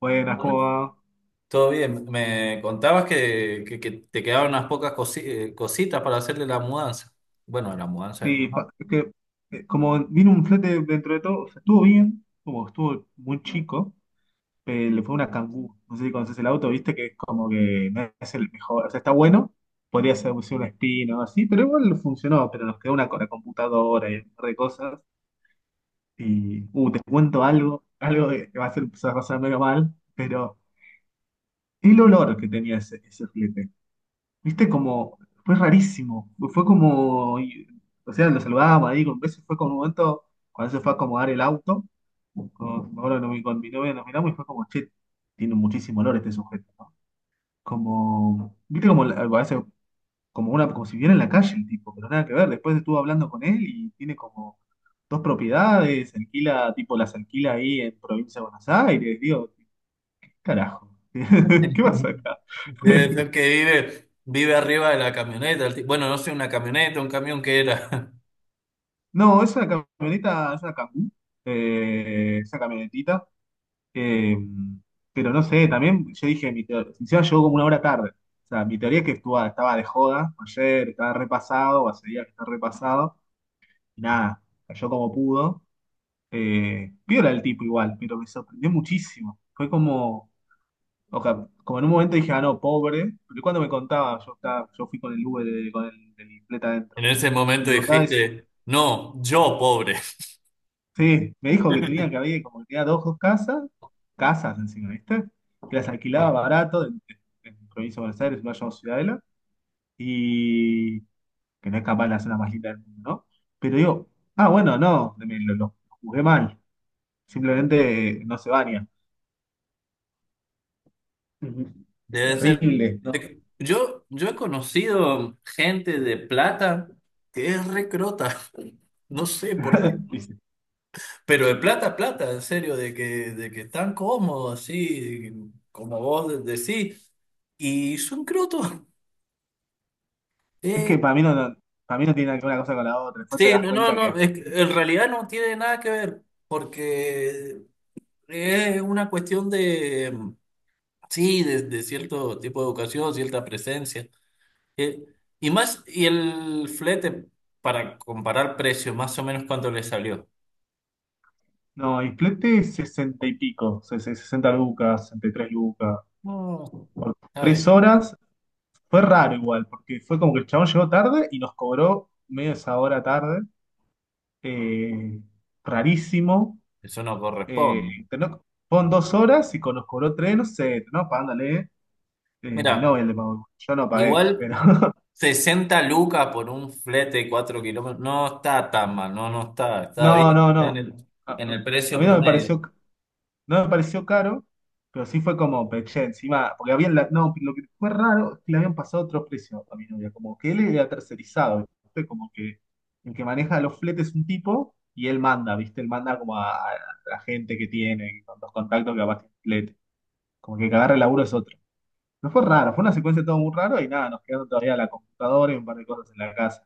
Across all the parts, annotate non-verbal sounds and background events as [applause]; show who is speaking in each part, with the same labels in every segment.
Speaker 1: Buenas, ¿cómo
Speaker 2: Bueno,
Speaker 1: va?
Speaker 2: todo bien. Me contabas que te quedaban unas pocas cositas para hacerle la mudanza. Bueno, la mudanza de tu
Speaker 1: Sí,
Speaker 2: no.
Speaker 1: es que como vino un flete dentro de todo, o sea, estuvo bien, como estuvo muy chico, pero le fue una Kangoo. No sé si conoces el auto, viste que es como que no es el mejor, o sea, está bueno, podría ser, ser un Spin o así, pero igual funcionó, pero nos quedó una, con la computadora y un par de cosas. Y, te cuento algo, algo que va a ser, se va a pasar medio mal, pero el olor que tenía ese flete. Viste, como, fue rarísimo. Fue como, o sea, lo saludábamos ahí con besos. Fue como un momento, cuando se fue a acomodar el auto, con, me acuerdo que con mi novia nos miramos y fue como, che, tiene muchísimo olor este sujeto, ¿no? Como, viste, como, a veces, como una, como si viera en la calle el tipo, pero nada que ver. Después estuve hablando con él y tiene como dos propiedades, alquila, tipo, las alquila ahí en provincia de Buenos Aires. Digo, ¿qué carajo? [laughs] ¿Qué pasa
Speaker 2: [laughs]
Speaker 1: acá?
Speaker 2: Debe ser
Speaker 1: [laughs]
Speaker 2: que vive arriba de la camioneta. Bueno, no sé, una camioneta, un camión que era. [laughs]
Speaker 1: No, es una camioneta, es una Cangoo, es camionetita, eh, pero no sé, también yo dije, mi teoría, encima llegó como una hora tarde, o sea, mi teoría es que estaba de joda ayer, estaba repasado, o hace días que está repasado, y nada, cayó como pudo, piola el tipo igual, pero me sorprendió muchísimo, fue como, o sea, como en un momento dije, ah, no, pobre, pero cuando me contaba, yo, estaba, yo fui con el Uber, con el flete
Speaker 2: En
Speaker 1: adentro,
Speaker 2: ese
Speaker 1: y
Speaker 2: momento
Speaker 1: me contaba eso.
Speaker 2: dijiste, no, yo pobre.
Speaker 1: Sí, me dijo que tenía que
Speaker 2: [laughs]
Speaker 1: había como que tenía dos casas, casas encima, ¿viste? Que las alquilaba. Claro. Barato en provincia de Buenos Aires, en Valle de Ciudadela, y que no es capaz de hacer la zona más linda del mundo, ¿no? Pero digo, ah, bueno, no, lo juzgué mal, simplemente no se baña. Ujú. Es
Speaker 2: Debe ser.
Speaker 1: terrible. No,
Speaker 2: Yo he conocido gente de plata que es recrota. [laughs] No sé por qué.
Speaker 1: [laughs] dice,
Speaker 2: Pero de plata, plata, en serio, de que están cómodos, así, como vos decís. Y son crotos. [laughs]
Speaker 1: es
Speaker 2: Eh,
Speaker 1: que para mí para mí no tiene nada que ver una cosa con la otra, después te
Speaker 2: sí,
Speaker 1: das
Speaker 2: no, no,
Speaker 1: cuenta
Speaker 2: no,
Speaker 1: que,
Speaker 2: es que en realidad no tiene nada que ver, porque es una cuestión de, sí, de cierto tipo de educación, cierta presencia. Eh, y más, y el flete, para comparar precio, más o menos cuánto le salió.
Speaker 1: no, Isplete 60 y pico, ses- 60 lucas, 63 lucas,
Speaker 2: No,
Speaker 1: por 3
Speaker 2: ¿sabe?
Speaker 1: horas. Fue raro igual, porque fue como que el chabón llegó tarde y nos cobró media esa hora tarde. eh, Rarísimo.
Speaker 2: Eso no
Speaker 1: Eh,
Speaker 2: corresponde.
Speaker 1: tenó- Fueron dos horas y con nos cobró tres, no sé, terminamos pagándole. Mi
Speaker 2: Mira,
Speaker 1: novia le pagó. Yo no pagué,
Speaker 2: igual.
Speaker 1: pero. [laughs]
Speaker 2: Sesenta lucas por un flete de 4 kilómetros. No está tan mal, no, no está. Está bien,
Speaker 1: No, no,
Speaker 2: está en
Speaker 1: no.
Speaker 2: el,
Speaker 1: A,
Speaker 2: en el
Speaker 1: a
Speaker 2: precio
Speaker 1: mí no me
Speaker 2: promedio.
Speaker 1: pareció. No me pareció caro, pero sí fue como peché encima, porque habían, no, lo que fue raro es que le habían pasado otro precio a mi novia, como que él era tercerizado, ¿viste? Como que el que maneja los fletes es un tipo y él manda, ¿viste? Él manda como a la gente que tiene, con los contactos que capaz tiene flete, como que el que agarra el laburo es otro. No fue raro, fue una secuencia todo muy raro y nada, nos quedaron todavía la computadora y un par de cosas en la casa,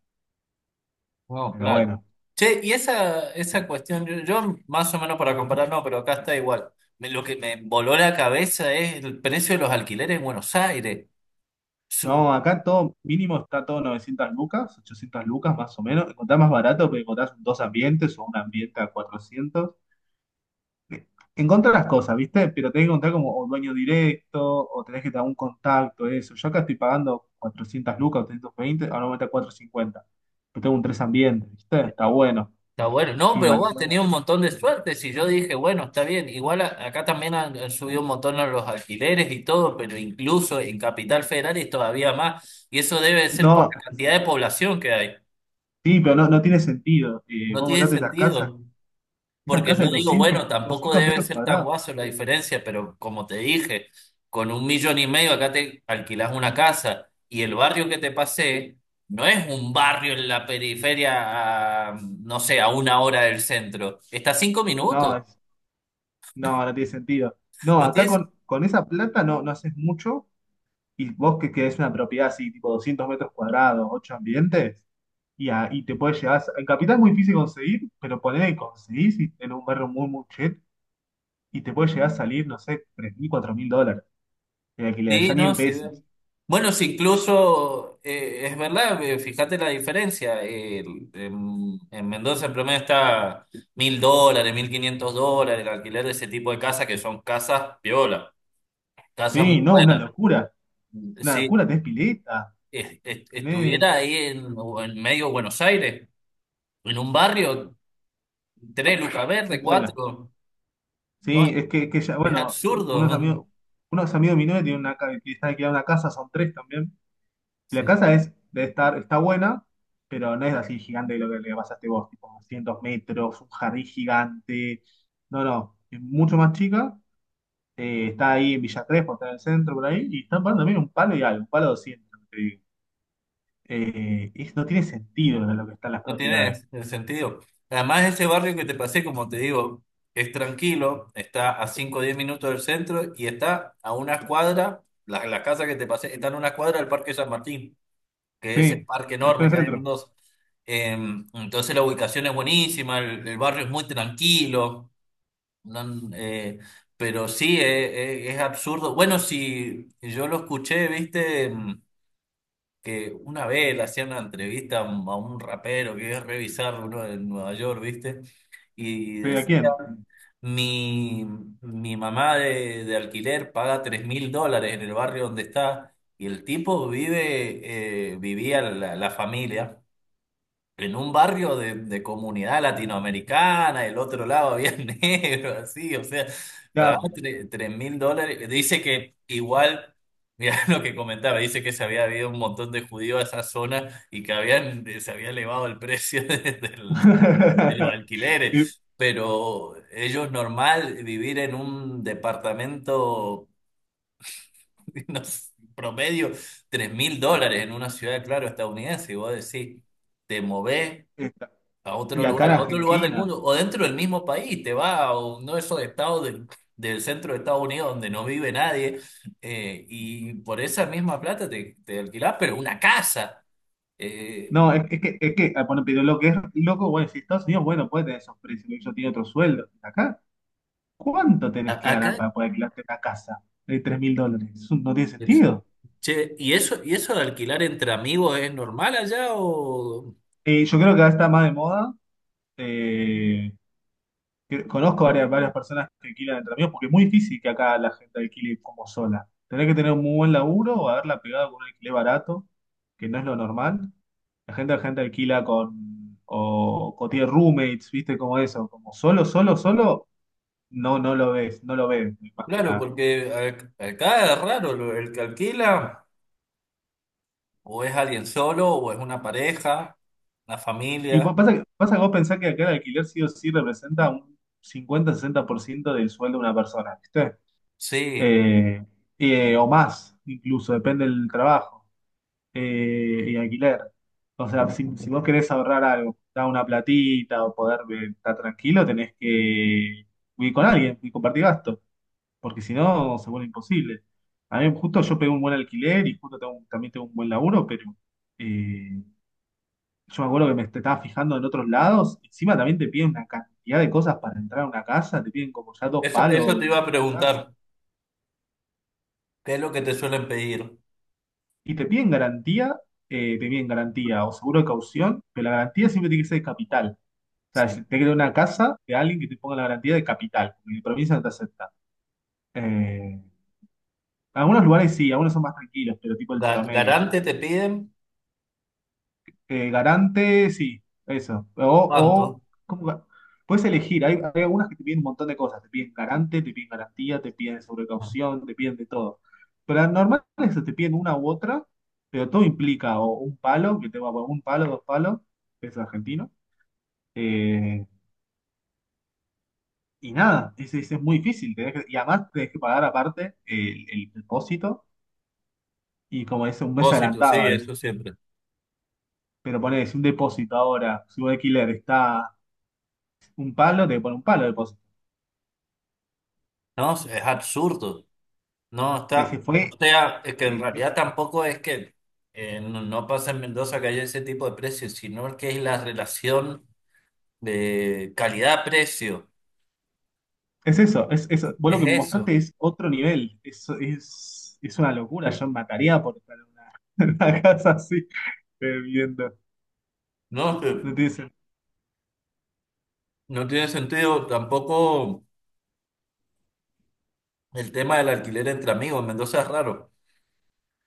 Speaker 2: No,
Speaker 1: pero
Speaker 2: claro.
Speaker 1: bueno.
Speaker 2: Che, y esa cuestión, yo más o menos para comparar, no, pero acá está igual. Lo que me voló la cabeza es el precio de los alquileres en Buenos Aires.
Speaker 1: No, acá todo mínimo está todo 900 lucas, 800 lucas más o menos. Encontrás más barato porque encontrás 2 ambientes o un ambiente a 400. Encontrás las cosas, ¿viste? Pero tenés que encontrar como o dueño directo o tenés que tener un contacto, eso. Yo acá estoy pagando 400 lucas, 320, ahora me a 450. Pero tengo un tres ambientes, ¿viste? Está bueno.
Speaker 2: Está bueno. No,
Speaker 1: Tiene
Speaker 2: pero vos has
Speaker 1: balcón.
Speaker 2: tenido un montón de suerte. Si yo dije, bueno, está bien. Igual acá también han subido un montón los alquileres y todo, pero incluso en Capital Federal es todavía más. Y eso debe ser por
Speaker 1: No,
Speaker 2: la cantidad de población que hay.
Speaker 1: sí, pero no tiene sentido.
Speaker 2: No
Speaker 1: Vos
Speaker 2: tiene
Speaker 1: encontraste
Speaker 2: sentido.
Speaker 1: esas
Speaker 2: Porque yo
Speaker 1: casas de
Speaker 2: digo,
Speaker 1: 200,
Speaker 2: bueno, tampoco
Speaker 1: 200
Speaker 2: debe
Speaker 1: metros
Speaker 2: ser tan
Speaker 1: cuadrados.
Speaker 2: guaso la
Speaker 1: Sí.
Speaker 2: diferencia, pero como te dije, con un millón y medio acá te alquilas una casa, y el barrio que te pasé no es un barrio en la periferia, a, no sé, a una hora del centro. Está a 5 minutos.
Speaker 1: No, no, no tiene sentido. No,
Speaker 2: ¿Lo
Speaker 1: acá
Speaker 2: tienes?
Speaker 1: con esa plata no haces mucho y vos que querés una propiedad así, tipo 200 metros cuadrados, 8 ambientes, y, y te puedes llegar, en Capital es muy difícil conseguir, pero ponele que conseguís en un barrio muy, muy chet y te puede llegar a salir, no sé, US$3.000, 4.000 de alquiler,
Speaker 2: Sí,
Speaker 1: ya ni
Speaker 2: no,
Speaker 1: en
Speaker 2: sí. ve.
Speaker 1: pesos.
Speaker 2: Bueno, sí, incluso es verdad, fíjate la diferencia. En Mendoza el promedio está 1000 dólares, 1500 dólares, el alquiler de ese tipo de casas que son casas piola, casas muy
Speaker 1: Sí, no,
Speaker 2: buenas.
Speaker 1: una
Speaker 2: Si
Speaker 1: locura, tenés pileta, tenés
Speaker 2: estuviera ahí en, o en medio de Buenos Aires, en un barrio, 3 lucas verde,
Speaker 1: vuela.
Speaker 2: cuatro, no,
Speaker 1: Sí, es que ya,
Speaker 2: es
Speaker 1: bueno,
Speaker 2: absurdo. [laughs]
Speaker 1: unos amigos de mi novia tienen una, que están alquilando una casa, son tres también. La
Speaker 2: Sí.
Speaker 1: casa es, debe estar, está buena, pero no es así gigante lo que le pasaste vos, tipo 200 metros, un jardín gigante. No, no, es mucho más chica. Está ahí en Villa Crespo, está en el centro por ahí, y están pagando también un palo y algo, un palo 200, lo que te digo. No tiene sentido lo que están las
Speaker 2: No tiene
Speaker 1: propiedades.
Speaker 2: sentido. Además, ese barrio que te pasé, como te digo, es tranquilo, está a 5 o 10 minutos del centro y está a una cuadra, la casa que te pasé está en una cuadra del Parque San Martín, que es el
Speaker 1: Sí,
Speaker 2: parque
Speaker 1: está en
Speaker 2: enorme
Speaker 1: el
Speaker 2: que hay en
Speaker 1: centro.
Speaker 2: Mendoza. Eh, entonces la ubicación es buenísima, el barrio es muy tranquilo, no- eh, pero sí, es absurdo. Bueno, si yo lo escuché, viste. Que una vez le hacían una entrevista a un rapero que es revisar uno en Nueva York, ¿viste? Y
Speaker 1: Sí, ¿a
Speaker 2: decía,
Speaker 1: quién?
Speaker 2: mi, mi mamá de alquiler paga 3000 dólares en el barrio donde está, y el tipo vivía, la familia, en un barrio de comunidad latinoamericana, el otro lado había [laughs] negro, así, o sea, pagaba
Speaker 1: Ya.
Speaker 2: 3000 dólares. Dice que igual, mira, [laughs] lo que comentaba, dice que se había habido un montón de judíos a esa zona y que se había elevado el precio [laughs] de los
Speaker 1: [laughs] Y,
Speaker 2: alquileres, pero ellos normal vivir en un departamento, [laughs] no sé, promedio, 3000 dólares en una ciudad, claro, estadounidense, y vos decís, te movés
Speaker 1: esta- y acá en
Speaker 2: a otro lugar del
Speaker 1: Argentina.
Speaker 2: mundo o dentro del mismo país, te va a uno de esos estados del, centro de Estados Unidos donde no vive nadie, y por esa misma plata te alquilás, pero una casa. Eh,
Speaker 1: No, es que, ah, bueno, pero lo que es loco, bueno, si Estados Unidos, bueno, puede tener esos precios, porque ellos tienen otro sueldo. Acá, ¿cuánto tenés que ganar
Speaker 2: acá,
Speaker 1: para poder alquilarte una casa de US$3.000? Eso no tiene
Speaker 2: perfecto.
Speaker 1: sentido.
Speaker 2: Che, y eso de alquilar entre amigos es normal allá o...?
Speaker 1: Yo creo que ahora está más de moda. eh, Conozco varias, varias personas que alquilan entre amigos, porque es muy difícil que acá la gente alquile como sola. Tenés que tener un muy buen laburo o haberla pegado con un alquiler barato, que no es lo normal. La gente alquila con, o tiene roommates, ¿viste? Como eso, como solo, solo, solo. No, no lo ves, no lo ves, más que
Speaker 2: Claro,
Speaker 1: nada.
Speaker 2: porque acá es raro, el que alquila o es alguien solo o es una pareja, una
Speaker 1: Y
Speaker 2: familia.
Speaker 1: pasa que vos pensás que acá el alquiler sí o sí representa un 50 60% del sueldo de una persona, ¿viste?
Speaker 2: Sí,
Speaker 1: Eh, o más, incluso, depende del trabajo y alquiler. O sea, si vos querés ahorrar algo, dar una platita o poder estar tranquilo, tenés que vivir con alguien y compartir gastos, porque si no, se vuelve imposible. A mí justo yo pegué un buen alquiler y justo tengo también tengo un buen laburo, pero... eh, Yo me acuerdo que me estaba fijando en otros lados. Encima también te piden una cantidad de cosas para entrar a una casa. Te piden como ya dos
Speaker 2: eso
Speaker 1: palos
Speaker 2: te
Speaker 1: de
Speaker 2: iba a
Speaker 1: entrada.
Speaker 2: preguntar. ¿Qué es lo que te suelen pedir?
Speaker 1: Y te piden garantía o seguro de caución, pero la garantía siempre tiene que ser de capital. O sea,
Speaker 2: Sí.
Speaker 1: si te queda una casa de alguien que te ponga la garantía de capital, porque de provincia no te acepta. Eh, Algunos lugares sí, algunos son más tranquilos, pero tipo el promedio.
Speaker 2: ¿Garante te piden
Speaker 1: Garante, sí, eso.
Speaker 2: cuánto?
Speaker 1: Puedes elegir. Hay algunas que te piden un montón de cosas. Te piden garante, te piden garantía, te piden
Speaker 2: Ah,
Speaker 1: sobrecaución, te piden de todo. Pero las normales te piden una u otra, pero todo implica o un palo, que te va a poner un palo, dos palos, peso argentino. Eh, y nada, es muy difícil. Y además tenés que pagar aparte el depósito y como es un mes
Speaker 2: depósito, sí,
Speaker 1: adelantado a veces.
Speaker 2: eso siempre.
Speaker 1: Pero ponés un depósito ahora, si un alquiler está un palo, te pone un palo de depósito.
Speaker 2: No, es absurdo. No, está.
Speaker 1: Se
Speaker 2: O
Speaker 1: fue.
Speaker 2: sea, es que
Speaker 1: Se
Speaker 2: en
Speaker 1: deliró.
Speaker 2: realidad tampoco es que no, no pasa en Mendoza que haya ese tipo de precios, sino que es la relación de calidad-precio.
Speaker 1: Es eso, es eso. Vos lo
Speaker 2: Es
Speaker 1: que me
Speaker 2: eso.
Speaker 1: mostraste es otro nivel. Es una locura. Yo mataría por estar en una, [laughs] en una casa así, viviendo.
Speaker 2: No,
Speaker 1: No tiene sentido.
Speaker 2: no tiene sentido tampoco el tema del alquiler entre amigos. En Mendoza es raro.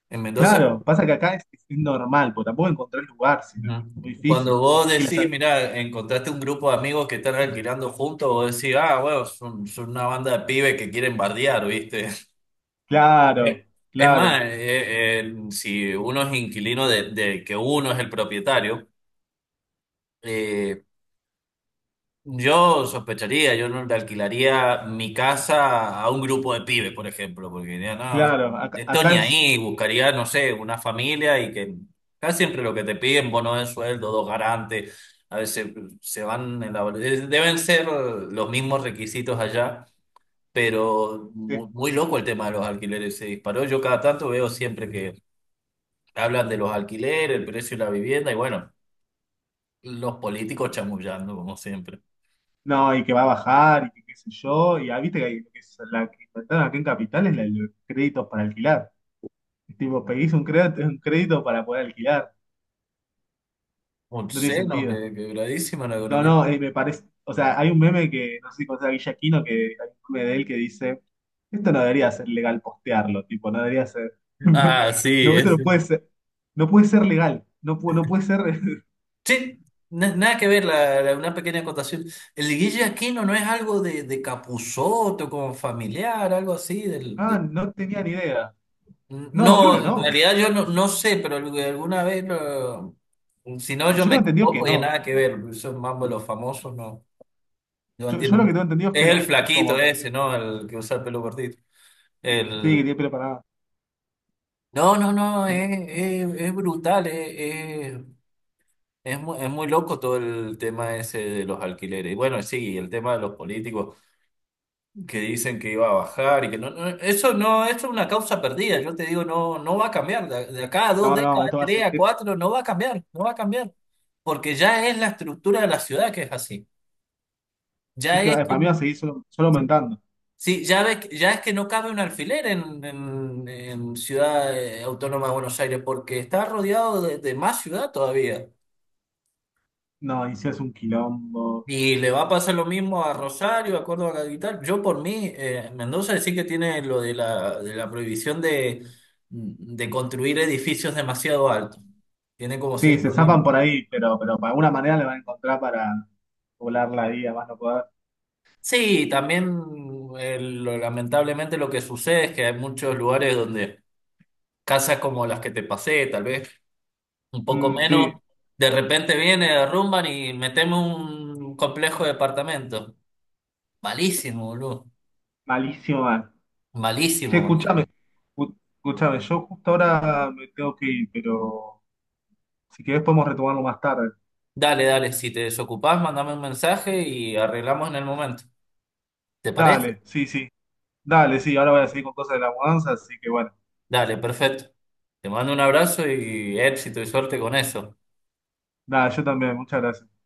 Speaker 2: En Mendoza.
Speaker 1: Claro, pasa que acá es normal, porque tampoco encontrar lugar, sino muy
Speaker 2: Ujú.
Speaker 1: difícil.
Speaker 2: Cuando vos
Speaker 1: Y las,
Speaker 2: decís, mira, encontraste un grupo de amigos que están alquilando juntos, vos decís, ah, bueno, son una banda de pibes que quieren bardear, ¿viste?
Speaker 1: claro,
Speaker 2: Eh, Es
Speaker 1: claro,
Speaker 2: más, si uno es inquilino de que uno es el propietario, eh, yo sospecharía, yo no le alquilaría mi casa a un grupo de pibes, por ejemplo, porque diría, no,
Speaker 1: claro. Acá,
Speaker 2: esto
Speaker 1: acá
Speaker 2: ni ahí, buscaría, no sé, una familia, y que casi siempre lo que te piden, bono de sueldo, dos garantes, a veces se van en la... Deben ser los mismos requisitos allá, pero
Speaker 1: es-
Speaker 2: muy, muy loco el tema de los alquileres, se disparó. Yo cada tanto veo siempre que hablan de los alquileres, el precio de la vivienda, y bueno, los políticos chamullando, como siempre.
Speaker 1: no, y que va a bajar, y que qué sé yo. Y ah, viste que, que es la que inventaron aquí en Capital es la de los créditos para alquilar. Es tipo, pedís un crédito para poder alquilar. No tiene
Speaker 2: Obsceno,
Speaker 1: sentido.
Speaker 2: que, quebradísima la
Speaker 1: No,
Speaker 2: economía.
Speaker 1: no, me parece. O sea, hay un meme que, no sé si conoces a Guille Aquino, que hay un meme de él que dice: Esto no debería ser legal postearlo, tipo, no debería ser. [laughs]
Speaker 2: Ah, sí,
Speaker 1: No, esto
Speaker 2: es,
Speaker 1: no puede ser. No puede ser legal. No puede ser. [laughs]
Speaker 2: sí, nada que ver, una pequeña acotación. El Guille Aquino, no es algo de Capusotto, como familiar, algo así.
Speaker 1: Ah, no tenía ni idea. No, creo que
Speaker 2: No, en
Speaker 1: no.
Speaker 2: realidad yo no, no sé, pero alguna vez, si no,
Speaker 1: Yo
Speaker 2: yo me
Speaker 1: tengo entendido que
Speaker 2: equivoco y
Speaker 1: no.
Speaker 2: nada que ver. Esos mambo de los famosos, no, yo
Speaker 1: Yo
Speaker 2: entiendo
Speaker 1: lo que
Speaker 2: mucho.
Speaker 1: tengo entendido es que
Speaker 2: Es el
Speaker 1: no.
Speaker 2: flaquito
Speaker 1: Como
Speaker 2: ese,
Speaker 1: que.
Speaker 2: ¿no? El que usa el pelo cortito.
Speaker 1: Sí, que
Speaker 2: El...
Speaker 1: tiene pelo para.
Speaker 2: No, no, no,
Speaker 1: que
Speaker 2: es,
Speaker 1: me-
Speaker 2: es brutal, es, es muy loco todo el tema ese de los alquileres. Y bueno, sí, el tema de los políticos que dicen que iba a bajar, y que no, eso no, eso es una causa perdida. Yo te digo, no va a cambiar. De acá a dos
Speaker 1: No, no,
Speaker 2: décadas,
Speaker 1: esto va a
Speaker 2: tres
Speaker 1: ser.
Speaker 2: a
Speaker 1: Es
Speaker 2: cuatro, no va a cambiar, no va a cambiar. Porque ya es la estructura de la ciudad, que es así.
Speaker 1: que
Speaker 2: Ya es que,
Speaker 1: para mí va a seguir solo, solo aumentando.
Speaker 2: sí, ya ves, ya es que no cabe un alfiler en Ciudad Autónoma de Buenos Aires, porque está rodeado de más ciudad todavía.
Speaker 1: No, y si es un quilombo.
Speaker 2: Y le va a pasar lo mismo a Rosario, a Córdoba Capital. Yo por mí, Mendoza sí que tiene lo de la prohibición de, construir edificios demasiado altos. Tiene como
Speaker 1: Sí, se
Speaker 2: ciertos
Speaker 1: zafan
Speaker 2: límites.
Speaker 1: por ahí, pero de alguna manera le van a encontrar para volar la vida, más no poder.
Speaker 2: Sí, también lamentablemente lo que sucede es que hay muchos lugares donde casas como las que te pasé, tal vez un poco
Speaker 1: Mm,
Speaker 2: menos,
Speaker 1: sí,
Speaker 2: de repente viene, derrumban y metemos un complejo de apartamentos. Malísimo, boludo.
Speaker 1: malísimo, man. Che,
Speaker 2: Malísimo,
Speaker 1: escúchame,
Speaker 2: malísimo.
Speaker 1: escúchame, yo justo ahora me tengo que ir, pero si querés podemos retomarlo más tarde.
Speaker 2: Dale, dale, si te desocupás, mandame un mensaje y arreglamos en el momento. ¿Te parece?
Speaker 1: Dale, sí, sí, dale, sí, ahora voy a seguir con cosas de la mudanza, así que bueno,
Speaker 2: Dale, perfecto. Te mando un abrazo y éxito y suerte con eso.
Speaker 1: nada, yo también, muchas gracias.